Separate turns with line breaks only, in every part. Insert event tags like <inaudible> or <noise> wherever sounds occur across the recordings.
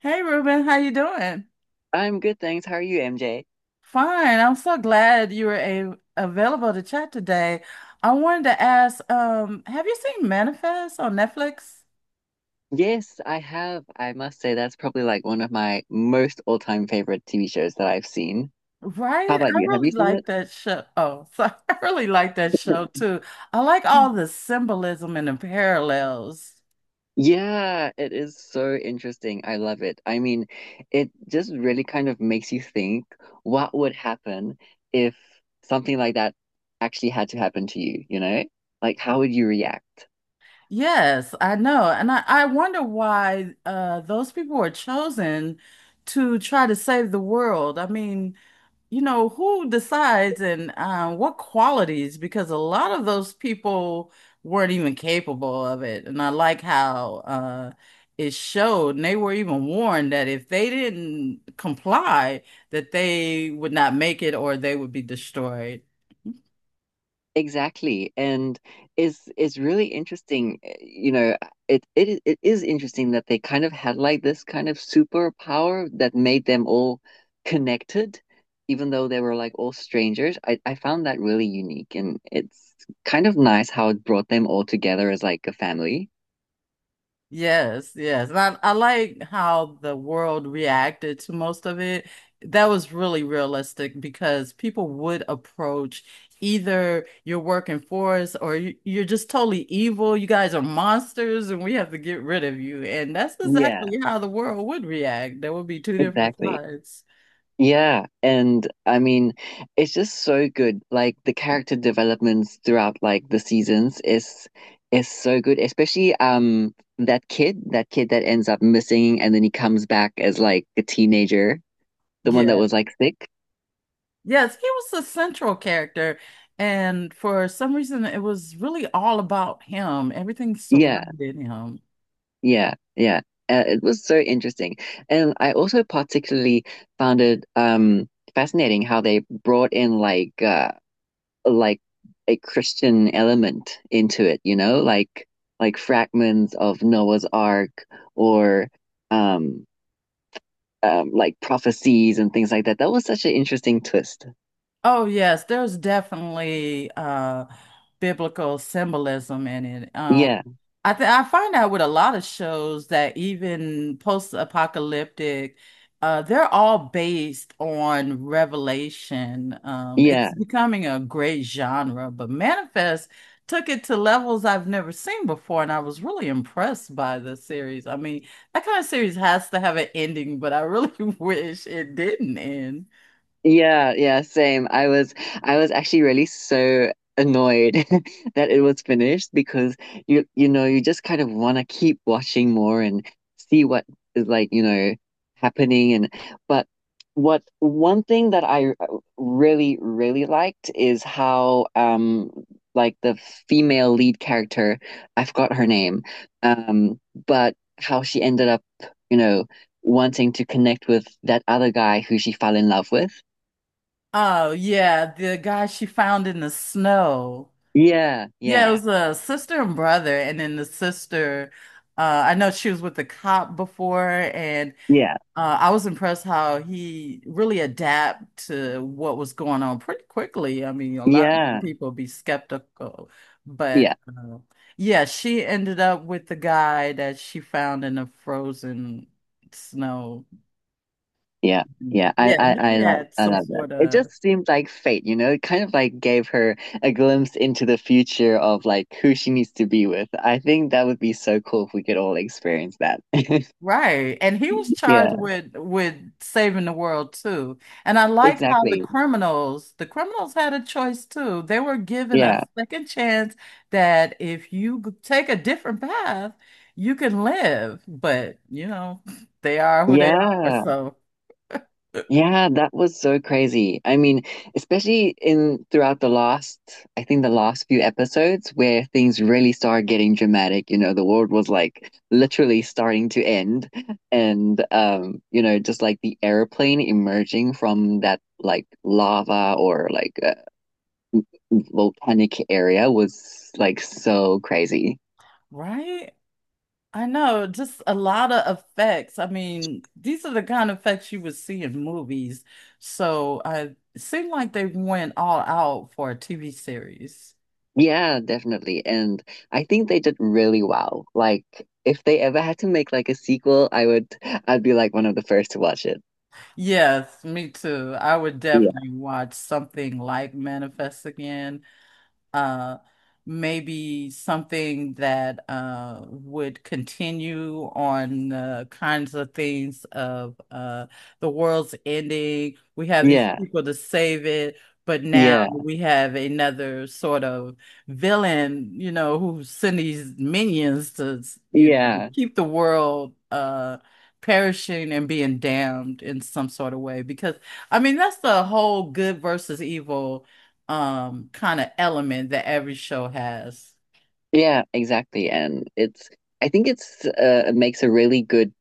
Hey Ruben, how you doing?
I'm good, thanks. How are you, MJ?
Fine. I'm so glad you were a available to chat today. I wanted to ask, have you seen Manifest on Netflix?
Yes, I have. I must say that's probably like one of my most all-time favorite TV shows that I've seen. How
Right?
about
I
you? Have
really
you seen
like
it?
that show. Oh, sorry. <laughs> I really like that show
<laughs>
too. I like all the symbolism and the parallels.
Yeah, it is so interesting. I love it. I mean, it just really kind of makes you think what would happen if something like that actually had to happen to you, you know? Like, how would you react?
Yes, I know. And I wonder why those people were chosen to try to save the world. I mean, you know, who decides and what qualities? Because a lot of those people weren't even capable of it. And I like how it showed, and they were even warned that if they didn't comply, that they would not make it or they would be destroyed.
Exactly. And it's really interesting, it is interesting that they kind of had like this kind of superpower that made them all connected, even though they were like all strangers. I found that really unique, and it's kind of nice how it brought them all together as like a family.
Yes, yes. And I like how the world reacted to most of it. That was really realistic because people would approach either you're working for us or you're just totally evil. You guys are monsters and we have to get rid of you. And that's
Yeah,
exactly how the world would react. There would be two different
exactly.
sides.
Yeah, and I mean, it's just so good. Like the character developments throughout like the seasons is so good, especially that kid, that kid that ends up missing and then he comes back as like a teenager, the one that
Yeah.
was like sick.
Yes, he was the central character. And for some reason, it was really all about him. Everything
Yeah,
surrounded him.
yeah, yeah. It was so interesting. And I also particularly found it fascinating how they brought in like like a Christian element into it, you know, like fragments of Noah's Ark or um, like prophecies and things like that. That was such an interesting twist.
Oh yes, there's definitely biblical symbolism in it.
Yeah,
I think I find out with a lot of shows that even post-apocalyptic, they're all based on revelation. It's
yeah.
becoming a great genre, but Manifest took it to levels I've never seen before and I was really impressed by the series. I mean, that kind of series has to have an ending, but I really <laughs> wish it didn't end.
Yeah, yeah, same. I was actually really so annoyed <laughs> that it was finished because you know, you just kind of want to keep watching more and see what is like, you know, happening and but What one thing that I really really liked is how the female lead character, I forgot her name, um but how she ended up, you know, wanting to connect with that other guy who she fell in love with.
Oh yeah, the guy she found in the snow.
Yeah,
Yeah, it
yeah,
was a sister and brother, and then the sister. I know she was with the cop before, and
yeah,
I was impressed how he really adapted to what was going on pretty quickly. I mean, a lot of
yeah,
people be skeptical,
yeah,
but yeah, she ended up with the guy that she found in the frozen snow.
yeah,
Mm,
yeah. I,
yeah,
I,
he
I love,
had
I
some
love that.
sort
It
of.
just seemed like fate, you know. It kind of like gave her a glimpse into the future of like who she needs to be with. I think that would be so cool if we could all experience that. <laughs>
Right. And he was charged
Yeah,
with saving the world too. And I like how
exactly.
the criminals had a choice too. They were given a
Yeah,
second chance that if you take a different path, you can live. But, you know, they are who they are.
yeah.
So,
Yeah, that was so crazy. I mean, especially in throughout the last, I think the last few episodes where things really started getting dramatic, you know, the world was like literally starting to end and you know, just like the airplane emerging from that like lava or like volcanic area was like so crazy.
right? I know, just a lot of effects. I mean, these are the kind of effects you would see in movies. So, I it seemed like they went all out for a TV series.
Yeah, definitely. And I think they did really well. Like if they ever had to make like a sequel, I'd be like one of the first to watch it.
Yes, me too. I would
Yeah.
definitely watch something like Manifest again, uh, maybe something that would continue on the kinds of things of the world's ending. We have these
Yeah.
people to save it, but now
Yeah.
we have another sort of villain, you know, who send these minions to, you know,
Yeah.
keep the world perishing and being damned in some sort of way. Because I mean, that's the whole good versus evil kind of element that every show has.
Yeah, exactly. And I think it's, it makes a really good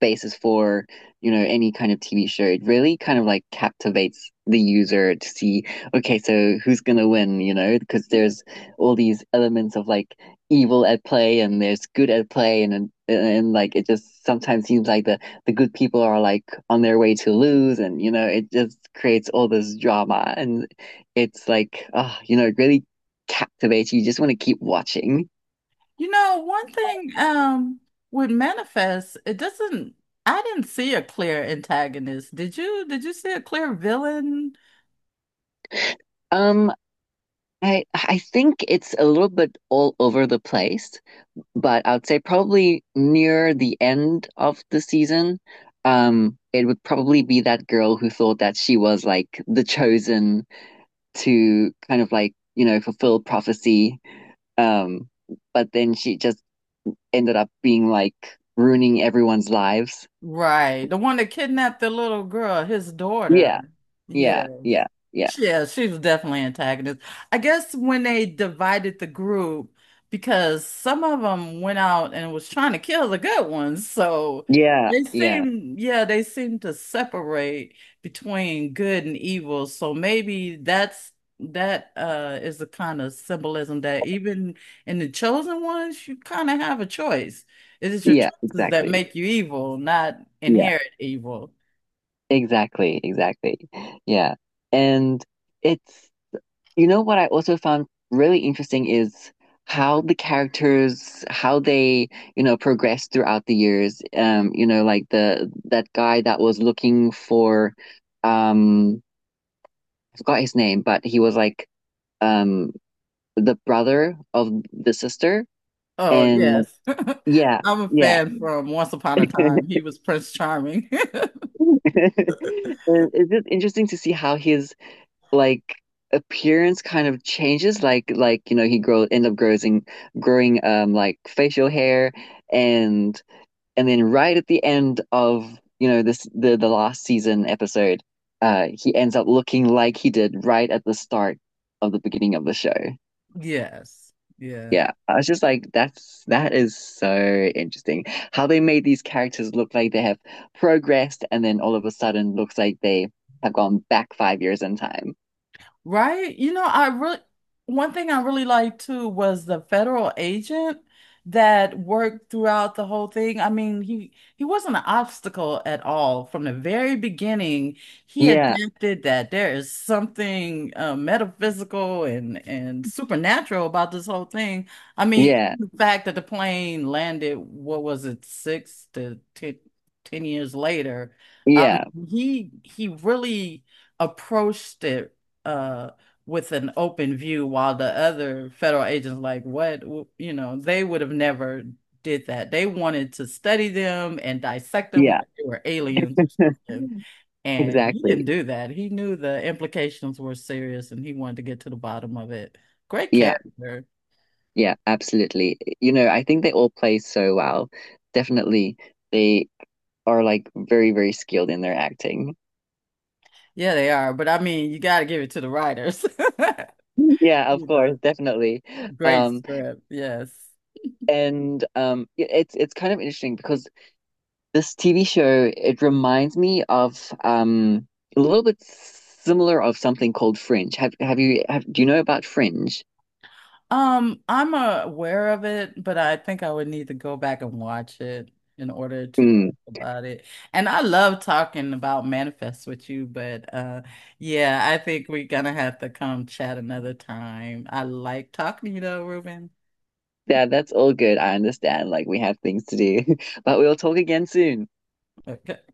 basis for, you know, any kind of TV show. It really kind of like captivates the user to see, okay, so who's gonna win, you know, because there's all these elements of like evil at play, and there's good at play, and like it just sometimes seems like the good people are like on their way to lose, and you know it just creates all this drama, and it's like ah, you know it really captivates you. You just want to keep watching.
You know, one thing with Manifest, it doesn't I didn't see a clear antagonist. Did you? Did you see a clear villain?
Um, I think it's a little bit all over the place, but I would say probably near the end of the season, it would probably be that girl who thought that she was like the chosen to kind of like, you know, fulfill prophecy. Um, but then she just ended up being like ruining everyone's lives.
Right. The one that kidnapped the little girl, his
Yeah,
daughter.
yeah,
Yes.
yeah, yeah,
Yeah, she was definitely antagonist. I guess when they divided the group, because some of them went out and was trying to kill the good ones. So
yeah,
they
yeah,
seem, yeah, they seem to separate between good and evil. So maybe that's that is the kind of symbolism that even in the chosen ones, you kind of have a choice. It is your
yeah,
that
exactly.
make you evil, not inherit evil.
Exactly, exactly. Yeah. And it's, you know, what I also found really interesting is how the characters, how they, you know, progress throughout the years. You know, like the that guy that was looking for, um, I forgot his name, but he was like, um, the brother of the sister.
Oh,
And
yes.
yeah,
<laughs> I'm a
yeah.
fan from Once Upon a Time.
<laughs>
He was Prince Charming. <laughs>
And it's just interesting to see how his like appearance kind of changes, like you know he grow end up growing growing like facial hair, and and then right at the end of, you know, this the last season episode, he ends up looking like he did right at the start of the beginning of the show.
Yes. Yeah.
Yeah, I was just like that is so interesting how they made these characters look like they have progressed and then all of a sudden looks like they have gone back 5 years in time.
Right? You know, I really, one thing I really liked too was the federal agent that worked throughout the whole thing. I mean, he wasn't an obstacle at all from the very beginning. He
Yeah,
adapted that there is something metaphysical and supernatural about this whole thing. I mean,
yeah.
the fact that the plane landed, what was it, six to ten, 10 years later. I
Yeah,
mean, he really approached it uh with an open view while the other federal agents like what, you know, they would have never did that. They wanted to study them and dissect them
yeah,
like they were aliens or something, and he didn't
exactly.
do that. He knew the implications were serious and he wanted to get to the bottom of it. Great
Yeah,
character.
yeah, absolutely. You know, I think they all play so well. Definitely, they are like very, very skilled in their acting.
Yeah, they are, but I mean you got to give it to the writers.
<laughs>
<laughs>
Yeah, of
You know,
course, definitely.
great
Um,
script. Yes.
and it's kind of interesting because this TV show it reminds me of a little bit similar of something called Fringe. Have you have do you know about Fringe?
I'm aware of it, but I think I would need to go back and watch it in order to talk
Mm,
about it. And I love talking about manifests with you, but yeah, I think we're gonna have to come chat another time. I like talking to you though, Ruben.
yeah, that's all good. I understand. Like we have things to do, <laughs> but we'll talk again soon.
Okay.